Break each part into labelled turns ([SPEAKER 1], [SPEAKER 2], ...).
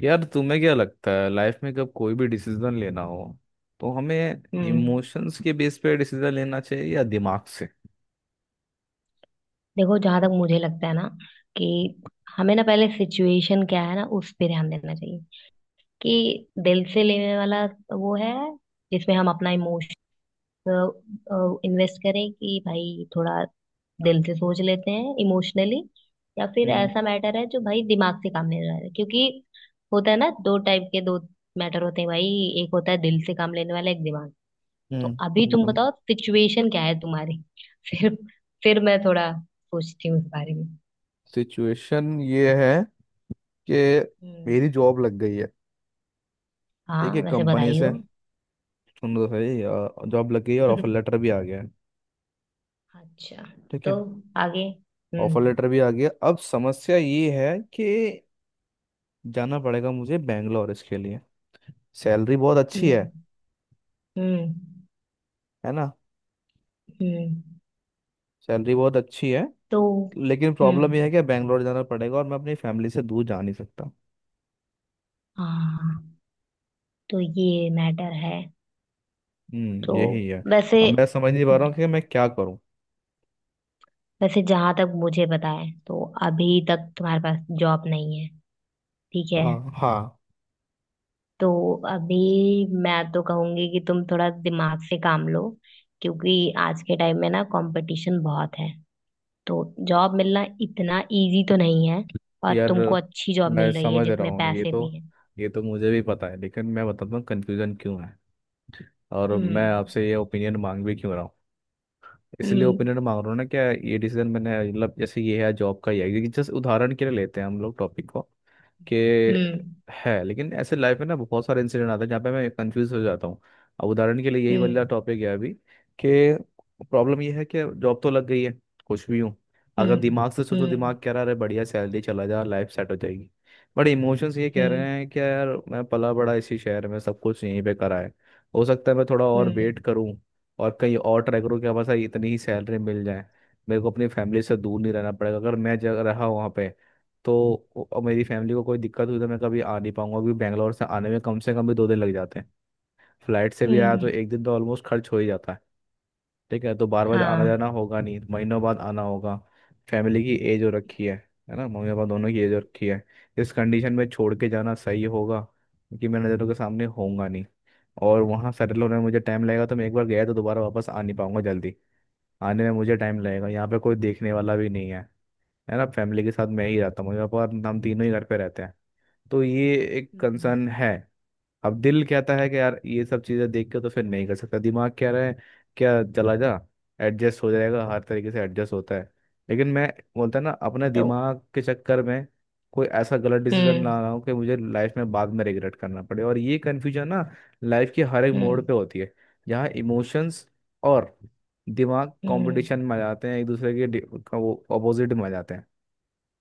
[SPEAKER 1] यार, तुम्हें क्या लगता है लाइफ में कब कोई भी डिसीजन लेना हो तो हमें
[SPEAKER 2] हम्म।
[SPEAKER 1] इमोशंस के बेस पे डिसीजन लेना चाहिए या दिमाग से?
[SPEAKER 2] देखो, जहां तक मुझे लगता है ना कि हमें ना पहले सिचुएशन क्या है ना, उस पे ध्यान देना चाहिए। कि दिल से लेने वाला वो है जिसमें हम अपना इमोशन इन्वेस्ट करें, कि भाई थोड़ा दिल से सोच लेते हैं, इमोशनली, या फिर
[SPEAKER 1] हम्म।
[SPEAKER 2] ऐसा मैटर है जो भाई दिमाग से काम लेने वाला है। क्योंकि होता है ना, दो टाइप के दो मैटर होते हैं भाई। एक होता है दिल से काम लेने वाला, एक दिमाग। तो
[SPEAKER 1] हम्म।
[SPEAKER 2] अभी तुम
[SPEAKER 1] बिल्कुल।
[SPEAKER 2] बताओ सिचुएशन क्या है तुम्हारी। फिर फिर मैं थोड़ा सोचती हूँ इस बारे में।
[SPEAKER 1] सिचुएशन ये है कि
[SPEAKER 2] हम्म।
[SPEAKER 1] मेरी जॉब लग गई है। ठीक है,
[SPEAKER 2] हाँ, वैसे
[SPEAKER 1] कंपनी
[SPEAKER 2] बधाई
[SPEAKER 1] से
[SPEAKER 2] हो।
[SPEAKER 1] सुन लो, सही जॉब लग गई है और ऑफर लेटर भी आ गया है।
[SPEAKER 2] अच्छा।
[SPEAKER 1] ठीक
[SPEAKER 2] तो
[SPEAKER 1] है।
[SPEAKER 2] आगे।
[SPEAKER 1] ऑफर
[SPEAKER 2] हम्म।
[SPEAKER 1] लेटर भी आ गया, अब समस्या ये है कि जाना पड़ेगा मुझे बैंगलोर इसके लिए। सैलरी बहुत अच्छी है
[SPEAKER 2] हम्म। हम्म
[SPEAKER 1] है ना?
[SPEAKER 2] हम्म।
[SPEAKER 1] सैलरी बहुत अच्छी है,
[SPEAKER 2] तो।
[SPEAKER 1] लेकिन प्रॉब्लम
[SPEAKER 2] हम्म।
[SPEAKER 1] यह है कि बैंगलोर जाना पड़ेगा और मैं अपनी फैमिली से दूर जा नहीं सकता।
[SPEAKER 2] हाँ। तो ये मैटर है।
[SPEAKER 1] हम्म,
[SPEAKER 2] तो
[SPEAKER 1] यही है।
[SPEAKER 2] वैसे
[SPEAKER 1] अब मैं समझ नहीं पा रहा हूँ कि मैं क्या करूँ।
[SPEAKER 2] वैसे जहां तक मुझे पता है तो अभी तक तुम्हारे पास जॉब नहीं है। ठीक है।
[SPEAKER 1] हाँ, हाँ।
[SPEAKER 2] तो अभी मैं तो कहूंगी कि तुम थोड़ा दिमाग से काम लो। क्योंकि आज के टाइम में ना कंपटीशन बहुत है। तो जॉब मिलना इतना इजी तो नहीं है। और
[SPEAKER 1] यार,
[SPEAKER 2] तुमको अच्छी जॉब
[SPEAKER 1] मैं
[SPEAKER 2] मिल रही है
[SPEAKER 1] समझ रहा
[SPEAKER 2] जिसमें
[SPEAKER 1] हूँ। ये
[SPEAKER 2] पैसे
[SPEAKER 1] तो
[SPEAKER 2] भी हैं।
[SPEAKER 1] ये तो मुझे भी पता है, लेकिन मैं बताता हूँ कंफ्यूजन क्यों है और मैं
[SPEAKER 2] हम्म।
[SPEAKER 1] आपसे ये ओपिनियन मांग भी क्यों रहा हूँ। इसलिए
[SPEAKER 2] हम्म।
[SPEAKER 1] ओपिनियन मांग रहा हूँ ना, क्या ये डिसीजन मैंने मतलब जैसे ये है, जॉब का ही है, क्योंकि जस्ट उदाहरण के लिए लेते हैं हम लोग टॉपिक को कि
[SPEAKER 2] हम्म।
[SPEAKER 1] है, लेकिन ऐसे लाइफ में ना बहुत सारे इंसिडेंट आते हैं जहाँ पे मैं कंफ्यूज हो जाता हूँ। अब उदाहरण के लिए यही वाला
[SPEAKER 2] हम्म।
[SPEAKER 1] टॉपिक है अभी, कि प्रॉब्लम ये है कि जॉब तो लग गई है, खुश भी हूँ। अगर
[SPEAKER 2] हम्म।
[SPEAKER 1] दिमाग से सोचो,
[SPEAKER 2] हम्म।
[SPEAKER 1] दिमाग कह रहा है बढ़िया सैलरी, चला जा, लाइफ सेट हो जाएगी। बट इमोशंस ये कह रहे
[SPEAKER 2] हम्म।
[SPEAKER 1] हैं कि यार, मैं पला बड़ा इसी शहर में, सब कुछ यहीं पे करा है। हो सकता है मैं थोड़ा और
[SPEAKER 2] हम्म
[SPEAKER 1] वेट करूँ और कहीं और ट्राई करूँ कि हाँ, बस इतनी ही सैलरी मिल जाए, मेरे को अपनी फैमिली से दूर नहीं रहना पड़ेगा अगर मैं जगह रहा वहाँ पे। तो और मेरी फैमिली को कोई दिक्कत हुई तो मैं कभी आ नहीं पाऊंगा, क्योंकि बैंगलोर से आने में कम से कम भी 2 दिन लग जाते हैं। फ्लाइट से भी आया तो
[SPEAKER 2] हम्म।
[SPEAKER 1] एक दिन तो ऑलमोस्ट खर्च हो ही जाता है। ठीक है, तो बार बार आना
[SPEAKER 2] हाँ।
[SPEAKER 1] जाना होगा नहीं, महीनों बाद आना होगा। फैमिली की एज हो रखी है ना? मम्मी पापा दोनों की एज हो रखी है। इस कंडीशन में छोड़ के जाना सही होगा, क्योंकि मैं नज़रों के सामने होऊंगा नहीं। और वहाँ सेटल होने में मुझे टाइम लगेगा, तो मैं एक बार गया तो दोबारा वापस आ नहीं पाऊंगा जल्दी। आने में मुझे टाइम लगेगा,
[SPEAKER 2] हम्म
[SPEAKER 1] यहाँ पे कोई देखने वाला भी नहीं है, है ना? फैमिली के साथ मैं ही रहता हूँ, मम्मी पापा और हम तीनों ही घर पे रहते हैं। तो ये एक
[SPEAKER 2] हम्म।
[SPEAKER 1] कंसर्न है। अब दिल कहता है कि यार ये सब चीजें देख के तो फिर नहीं कर सकता, दिमाग कह रहा है क्या, चला जा, एडजस्ट हो जाएगा, हर तरीके से एडजस्ट होता है। लेकिन मैं बोलता ना, अपने
[SPEAKER 2] तो।
[SPEAKER 1] दिमाग के चक्कर में कोई ऐसा गलत डिसीजन
[SPEAKER 2] हम्म।
[SPEAKER 1] ना रहा हूँ कि मुझे लाइफ में बाद में रिग्रेट करना पड़े। और ये कन्फ्यूजन ना लाइफ के हर एक
[SPEAKER 2] हम्म।
[SPEAKER 1] मोड़ पे होती है, जहाँ इमोशंस और दिमाग
[SPEAKER 2] हम्म।
[SPEAKER 1] कंपटीशन में आ जाते हैं, एक दूसरे के का, वो अपोजिट में आ जाते हैं।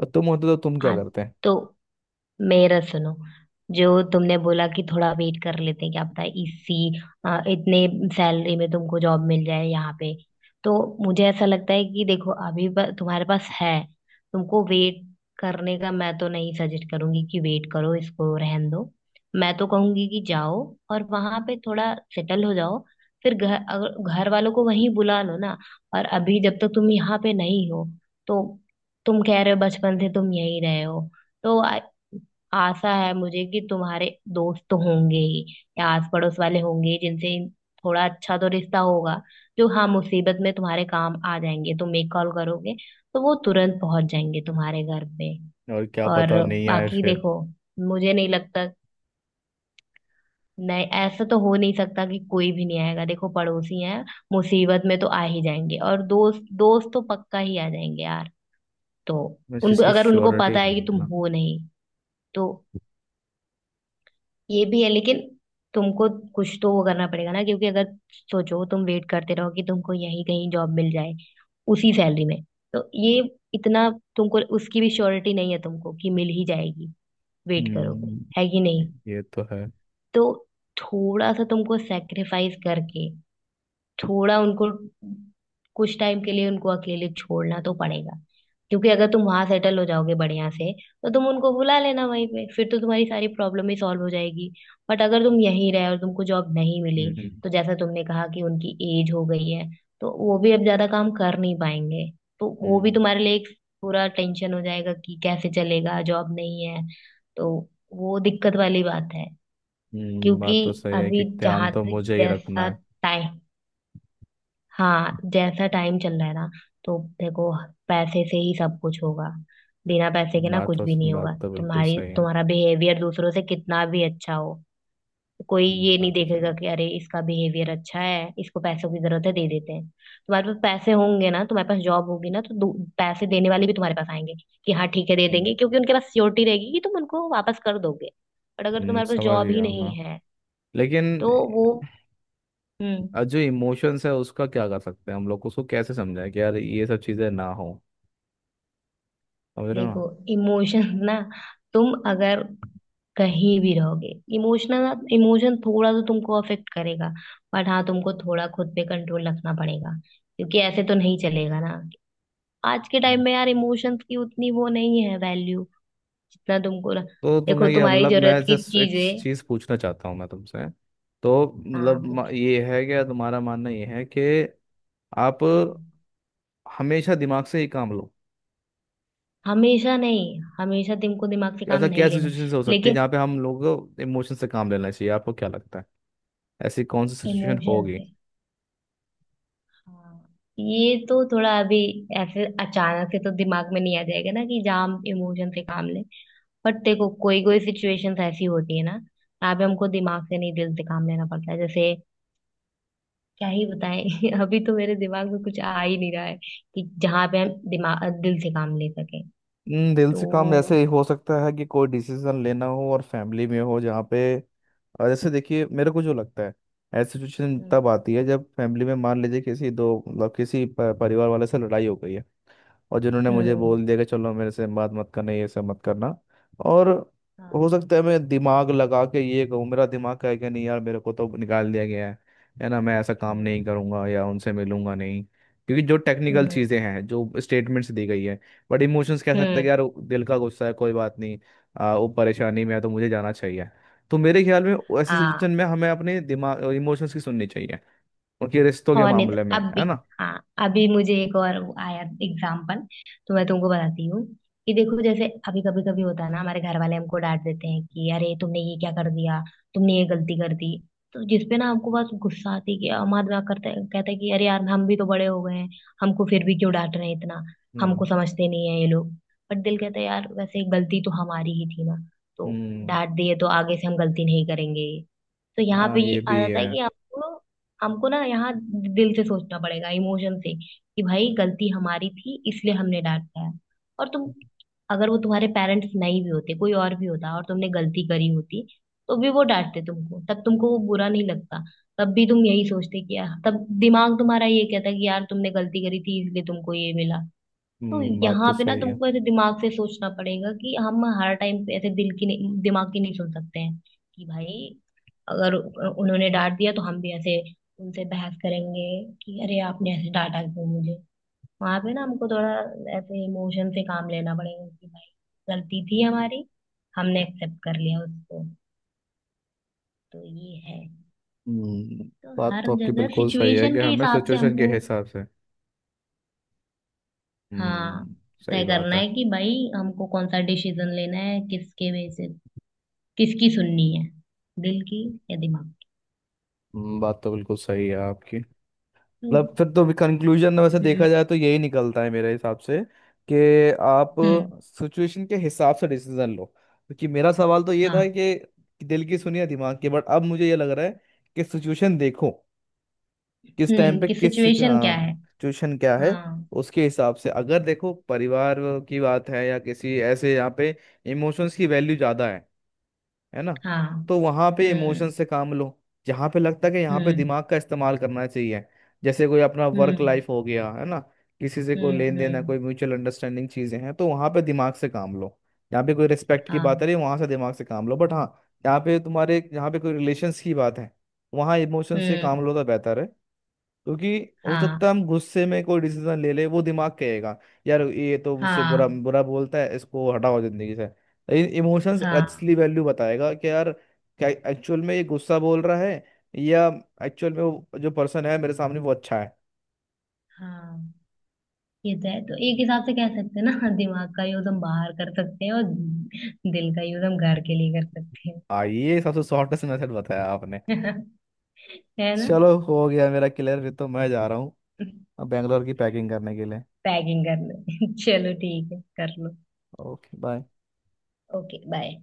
[SPEAKER 1] और तुम होते तो तुम क्या
[SPEAKER 2] आज
[SPEAKER 1] करते हैं?
[SPEAKER 2] तो मेरा सुनो, जो तुमने बोला कि थोड़ा वेट कर लेते हैं, क्या पता इसी इतने सैलरी में तुमको जॉब मिल जाए यहाँ पे। तो मुझे ऐसा लगता है कि देखो अभी तुम्हारे पास है, तुमको वेट करने का मैं तो नहीं सजेस्ट करूंगी कि वेट करो, इसको रहन दो। मैं तो कहूंगी कि जाओ और वहां पे थोड़ा सेटल हो जाओ। फिर घर, अगर घर वालों को वहीं बुला लो ना। और अभी जब तक तुम यहाँ पे नहीं हो, तो तुम कह रहे हो बचपन से तुम यहीं रहे हो। तो आशा है मुझे कि तुम्हारे दोस्त तो होंगे ही, या आस पड़ोस वाले होंगे ही जिनसे थोड़ा अच्छा तो रिश्ता होगा, जो हाँ मुसीबत में तुम्हारे काम आ जाएंगे। तुम एक कॉल करोगे तो वो तुरंत पहुंच जाएंगे तुम्हारे घर पे।
[SPEAKER 1] और क्या
[SPEAKER 2] और
[SPEAKER 1] पता नहीं आए
[SPEAKER 2] बाकी
[SPEAKER 1] फिर।
[SPEAKER 2] देखो, मुझे नहीं लगता। नहीं, ऐसा तो हो नहीं सकता कि कोई भी नहीं आएगा। देखो पड़ोसी हैं, मुसीबत में तो आ ही जाएंगे। और दोस्त, दोस्त तो पक्का ही आ जाएंगे यार। तो
[SPEAKER 1] बस
[SPEAKER 2] उनको,
[SPEAKER 1] इसकी
[SPEAKER 2] अगर उनको
[SPEAKER 1] श्योरिटी
[SPEAKER 2] पता है कि
[SPEAKER 1] नहीं है
[SPEAKER 2] तुम
[SPEAKER 1] ना।
[SPEAKER 2] हो नहीं, तो ये भी है। लेकिन तुमको कुछ तो वो करना पड़ेगा ना। क्योंकि अगर सोचो तुम वेट करते रहो कि तुमको यहीं कहीं जॉब मिल जाए उसी सैलरी में, तो ये इतना, तुमको उसकी भी श्योरिटी नहीं है तुमको कि मिल ही जाएगी। वेट करोगे,
[SPEAKER 1] हम्म।
[SPEAKER 2] है कि
[SPEAKER 1] ये
[SPEAKER 2] नहीं।
[SPEAKER 1] ये तो है।
[SPEAKER 2] तो थोड़ा सा तुमको सेक्रीफाइस करके थोड़ा उनको, कुछ टाइम के लिए उनको अकेले छोड़ना तो पड़ेगा। क्योंकि अगर तुम वहां सेटल हो जाओगे बढ़िया से तो तुम उनको बुला लेना वहीं पे, फिर तो तुम्हारी सारी प्रॉब्लम ही सॉल्व हो जाएगी। बट अगर तुम यहीं रहे और तुमको जॉब नहीं
[SPEAKER 1] हम्म।
[SPEAKER 2] मिली, तो जैसा तुमने कहा कि उनकी एज हो गई है, तो वो भी अब ज्यादा काम कर नहीं पाएंगे। तो वो भी
[SPEAKER 1] हम्म
[SPEAKER 2] तुम्हारे लिए एक पूरा टेंशन हो जाएगा कि कैसे चलेगा, जॉब नहीं है। तो वो दिक्कत वाली बात है। क्योंकि
[SPEAKER 1] बात तो सही है कि
[SPEAKER 2] अभी
[SPEAKER 1] ध्यान
[SPEAKER 2] जहां
[SPEAKER 1] तो
[SPEAKER 2] तक
[SPEAKER 1] मुझे ही रखना
[SPEAKER 2] जैसा,
[SPEAKER 1] है।
[SPEAKER 2] हाँ जैसा टाइम चल रहा है ना, तो देखो पैसे से ही सब कुछ होगा, बिना पैसे के ना
[SPEAKER 1] बात
[SPEAKER 2] कुछ भी
[SPEAKER 1] तो
[SPEAKER 2] नहीं
[SPEAKER 1] बात
[SPEAKER 2] होगा।
[SPEAKER 1] तो बिल्कुल
[SPEAKER 2] तुम्हारी
[SPEAKER 1] सही है।
[SPEAKER 2] तुम्हारा बिहेवियर दूसरों से कितना भी अच्छा हो, कोई ये नहीं
[SPEAKER 1] बात तो सही
[SPEAKER 2] देखेगा
[SPEAKER 1] है।
[SPEAKER 2] कि अरे इसका बिहेवियर अच्छा है, इसको पैसों की जरूरत है दे देते हैं। तुम्हारे पास पैसे होंगे ना, तुम्हारे पास जॉब होगी ना, तो पैसे देने वाले भी तुम्हारे पास आएंगे कि हाँ ठीक है दे देंगे,
[SPEAKER 1] हम्म।
[SPEAKER 2] क्योंकि उनके पास सियोरिटी रहेगी कि तुम उनको वापस कर दोगे। बट अगर तुम्हारे पास
[SPEAKER 1] समझ
[SPEAKER 2] जॉब ही
[SPEAKER 1] गया हूँ
[SPEAKER 2] नहीं
[SPEAKER 1] ना।
[SPEAKER 2] है,
[SPEAKER 1] लेकिन
[SPEAKER 2] तो वो, हम्म।
[SPEAKER 1] जो इमोशंस है उसका क्या कर सकते हैं हम लोग, उसको कैसे समझाएं कि यार ये सब चीज़ें ना हो? समझ रहे हो
[SPEAKER 2] देखो,
[SPEAKER 1] ना?
[SPEAKER 2] इमोशंस ना, तुम अगर कहीं भी रहोगे, इमोशनल, इमोशन थोड़ा तो तुमको अफेक्ट करेगा। बट हाँ, तुमको थोड़ा खुद पे कंट्रोल रखना पड़ेगा। क्योंकि ऐसे तो नहीं चलेगा ना। आज के टाइम
[SPEAKER 1] हम्म।
[SPEAKER 2] में यार इमोशंस की उतनी वो नहीं है, वैल्यू, जितना तुमको
[SPEAKER 1] तो
[SPEAKER 2] देखो
[SPEAKER 1] तुम्हें क्या
[SPEAKER 2] तुम्हारी
[SPEAKER 1] मतलब, मैं
[SPEAKER 2] जरूरत की
[SPEAKER 1] जस्ट एक
[SPEAKER 2] चीजें।
[SPEAKER 1] चीज़ पूछना चाहता हूँ मैं तुमसे। तो
[SPEAKER 2] हाँ
[SPEAKER 1] मतलब
[SPEAKER 2] पूछो।
[SPEAKER 1] ये है क्या, तुम्हारा मानना ये है कि आप
[SPEAKER 2] हम्म।
[SPEAKER 1] हमेशा दिमाग से ही काम लो?
[SPEAKER 2] हमेशा नहीं, हमेशा तुमको दिमाग से
[SPEAKER 1] कि
[SPEAKER 2] काम
[SPEAKER 1] ऐसा क्या
[SPEAKER 2] नहीं लेना है।
[SPEAKER 1] सिचुएशन हो सकती है
[SPEAKER 2] लेकिन
[SPEAKER 1] जहाँ पे हम लोगों को इमोशन से काम लेना चाहिए, आपको क्या लगता है? ऐसी कौन सी सिचुएशन
[SPEAKER 2] इमोशन
[SPEAKER 1] होगी?
[SPEAKER 2] से, हाँ, ये तो थोड़ा अभी ऐसे अचानक से तो दिमाग में नहीं आ जाएगा ना कि जहाँ हम इमोशन से काम लें। बट देखो, कोई कोई सिचुएशंस ऐसी होती है ना, यहाँ पे हमको दिमाग से नहीं, दिल से काम लेना पड़ता है। जैसे क्या ही बताएं, अभी तो मेरे दिमाग में कुछ आ ही नहीं रहा है कि जहाँ पे हम दिमाग दिल से काम ले सकें।
[SPEAKER 1] दिल
[SPEAKER 2] तो
[SPEAKER 1] से काम ऐसे ही हो सकता है कि कोई डिसीजन लेना हो और फैमिली में हो जहाँ पे। और जैसे देखिए, मेरे को जो लगता है, ऐसी सिचुएशन
[SPEAKER 2] हम्म।
[SPEAKER 1] तब आती है जब फैमिली में मान लीजिए किसी दो मतलब किसी परिवार वाले से लड़ाई हो गई है, और जिन्होंने मुझे
[SPEAKER 2] हम्म।
[SPEAKER 1] बोल दिया कि चलो मेरे से बात मत करना, ये सब मत करना। और
[SPEAKER 2] हाँ।
[SPEAKER 1] हो सकता है मैं दिमाग लगा के ये कहूँ, मेरा दिमाग कहे कि नहीं यार, मेरे को तो निकाल दिया गया है ना, मैं ऐसा काम
[SPEAKER 2] हम्म
[SPEAKER 1] नहीं करूँगा या उनसे मिलूंगा नहीं, क्योंकि जो टेक्निकल
[SPEAKER 2] हम्म
[SPEAKER 1] चीज़ें हैं, जो स्टेटमेंट्स दी गई है। बट इमोशंस कह सकते हैं कि
[SPEAKER 2] हम्म।
[SPEAKER 1] यार, दिल का गुस्सा है, कोई बात नहीं। वो परेशानी में है तो मुझे जाना चाहिए। तो मेरे ख्याल में ऐसी
[SPEAKER 2] हाँ।
[SPEAKER 1] सिचुएशन में हमें अपने दिमाग इमोशंस की सुननी चाहिए, उनके रिश्तों के
[SPEAKER 2] और नहीं तो
[SPEAKER 1] मामले में,
[SPEAKER 2] अभी,
[SPEAKER 1] है ना?
[SPEAKER 2] हाँ, अभी मुझे एक और वो आया एग्जाम्पल, तो मैं तुमको बताती हूँ कि देखो जैसे अभी कभी कभी होता है ना, हमारे घर वाले हमको डांट देते हैं कि अरे तुमने ये क्या कर दिया, तुमने ये गलती कर दी। तो जिसपे ना हमको बस गुस्सा आती है कि हम आदमी करते, कहता है कि अरे यार हम भी तो बड़े हो गए हैं, हमको फिर भी क्यों डांट रहे हैं इतना, हमको
[SPEAKER 1] हम्म।
[SPEAKER 2] समझते नहीं है ये लोग। बट दिल कहता है यार वैसे गलती तो हमारी ही थी ना। तो
[SPEAKER 1] हम्म।
[SPEAKER 2] डांट दिए तो आगे से हम गलती नहीं करेंगे। तो यहाँ
[SPEAKER 1] हाँ,
[SPEAKER 2] पे ये
[SPEAKER 1] ये
[SPEAKER 2] आ
[SPEAKER 1] भी
[SPEAKER 2] जाता
[SPEAKER 1] है।
[SPEAKER 2] है कि आपको, हमको ना यहाँ दिल से सोचना पड़ेगा, इमोशन से, कि भाई गलती हमारी थी इसलिए हमने डांटा है। और तुम, अगर वो तुम्हारे पेरेंट्स नहीं भी होते, कोई और भी होता और तुमने गलती करी होती, तो भी वो डांटते तुमको, तब तुमको वो बुरा नहीं लगता। तब भी तुम यही सोचते कि यार, तब दिमाग तुम्हारा ये कहता कि यार तुमने गलती करी थी इसलिए तुमको ये मिला। तो
[SPEAKER 1] बात तो
[SPEAKER 2] यहाँ पे ना
[SPEAKER 1] सही है।
[SPEAKER 2] तुमको ऐसे दिमाग से सोचना पड़ेगा कि हम हर टाइम पे ऐसे दिल की नहीं, दिमाग की नहीं सोच सकते हैं। कि भाई अगर उन्होंने डांट दिया तो हम भी ऐसे उनसे बहस करेंगे कि अरे आपने ऐसे डांटा क्यों मुझे। वहां पे ना हमको थोड़ा ऐसे इमोशन से काम लेना पड़ेगा कि भाई गलती थी हमारी, हमने एक्सेप्ट कर लिया उसको। तो ये है।
[SPEAKER 1] हम्म।
[SPEAKER 2] तो
[SPEAKER 1] बात
[SPEAKER 2] हर
[SPEAKER 1] तो आपकी
[SPEAKER 2] जगह
[SPEAKER 1] बिल्कुल सही है
[SPEAKER 2] सिचुएशन
[SPEAKER 1] कि
[SPEAKER 2] के
[SPEAKER 1] हमें
[SPEAKER 2] हिसाब से
[SPEAKER 1] सिचुएशन के
[SPEAKER 2] हमको,
[SPEAKER 1] हिसाब से।
[SPEAKER 2] हाँ,
[SPEAKER 1] हम्म। सही
[SPEAKER 2] तय
[SPEAKER 1] बात
[SPEAKER 2] करना
[SPEAKER 1] है।
[SPEAKER 2] है कि भाई हमको कौन सा डिसीजन लेना है, किसके बेसिस, किसकी सुननी है, दिल की या दिमाग
[SPEAKER 1] बात तो बिल्कुल सही है आपकी।
[SPEAKER 2] की। हम्म।
[SPEAKER 1] मतलब फिर तो कंक्लूजन में वैसे
[SPEAKER 2] हम्म।
[SPEAKER 1] देखा जाए तो यही निकलता है मेरे हिसाब से कि आप
[SPEAKER 2] हम्म।
[SPEAKER 1] सिचुएशन के हिसाब से डिसीजन लो, क्योंकि मेरा सवाल तो ये था
[SPEAKER 2] हाँ।
[SPEAKER 1] कि दिल की सुनिए दिमाग की, बट अब मुझे ये लग रहा है कि सिचुएशन देखो, किस टाइम पे
[SPEAKER 2] कि
[SPEAKER 1] किस
[SPEAKER 2] सिचुएशन क्या है।
[SPEAKER 1] हाँ, सिचुएशन क्या है,
[SPEAKER 2] हाँ।
[SPEAKER 1] उसके हिसाब से। अगर देखो परिवार की बात है या किसी ऐसे, यहाँ पे इमोशंस की वैल्यू ज़्यादा है ना,
[SPEAKER 2] हाँ।
[SPEAKER 1] तो वहाँ पे
[SPEAKER 2] हम्म।
[SPEAKER 1] इमोशंस से काम लो। जहाँ पे लगता है कि यहाँ पे
[SPEAKER 2] हम्म।
[SPEAKER 1] दिमाग का इस्तेमाल करना चाहिए, जैसे कोई अपना वर्क
[SPEAKER 2] हम्म।
[SPEAKER 1] लाइफ हो गया है ना, किसी से कोई लेन
[SPEAKER 2] हम्म।
[SPEAKER 1] देन है,
[SPEAKER 2] हम्म।
[SPEAKER 1] कोई म्यूचुअल अंडरस्टैंडिंग चीज़ें हैं, तो वहाँ पे दिमाग से काम लो। यहाँ पे कोई रिस्पेक्ट की बात है
[SPEAKER 2] हाँ।
[SPEAKER 1] रही वहाँ से, दिमाग से काम लो। बट हाँ, यहाँ पे तुम्हारे यहाँ पे कोई रिलेशंस की बात है, वहाँ इमोशन से
[SPEAKER 2] हम्म।
[SPEAKER 1] काम लो तो बेहतर है। क्योंकि हो
[SPEAKER 2] हाँ।
[SPEAKER 1] सकता है हम गुस्से में कोई डिसीजन ले ले, वो दिमाग कहेगा यार ये तो मुझसे बुरा
[SPEAKER 2] हाँ।
[SPEAKER 1] बुरा बोलता है, इसको हटाओ जिंदगी से। लेकिन इमोशंस
[SPEAKER 2] हाँ।
[SPEAKER 1] असली वैल्यू बताएगा कि यार क्या एक्चुअल में ये गुस्सा बोल रहा है, या एक्चुअल में वो जो पर्सन है मेरे सामने वो अच्छा है।
[SPEAKER 2] हाँ, ये तो है। तो एक
[SPEAKER 1] हम्म।
[SPEAKER 2] हिसाब से कह सकते हैं ना, दिमाग का यूज हम बाहर कर सकते हैं और दिल का यूज हम घर के लिए कर सकते हैं,
[SPEAKER 1] आ ये सबसे शॉर्टेस्ट मेथड बताया आपने।
[SPEAKER 2] है ना।
[SPEAKER 1] चलो, हो गया मेरा क्लियर, फिर तो मैं जा रहा हूँ अब बैंगलोर की पैकिंग करने के लिए।
[SPEAKER 2] पैकिंग करने चलो ठीक है कर लो।
[SPEAKER 1] Okay, bye.
[SPEAKER 2] Okay bye.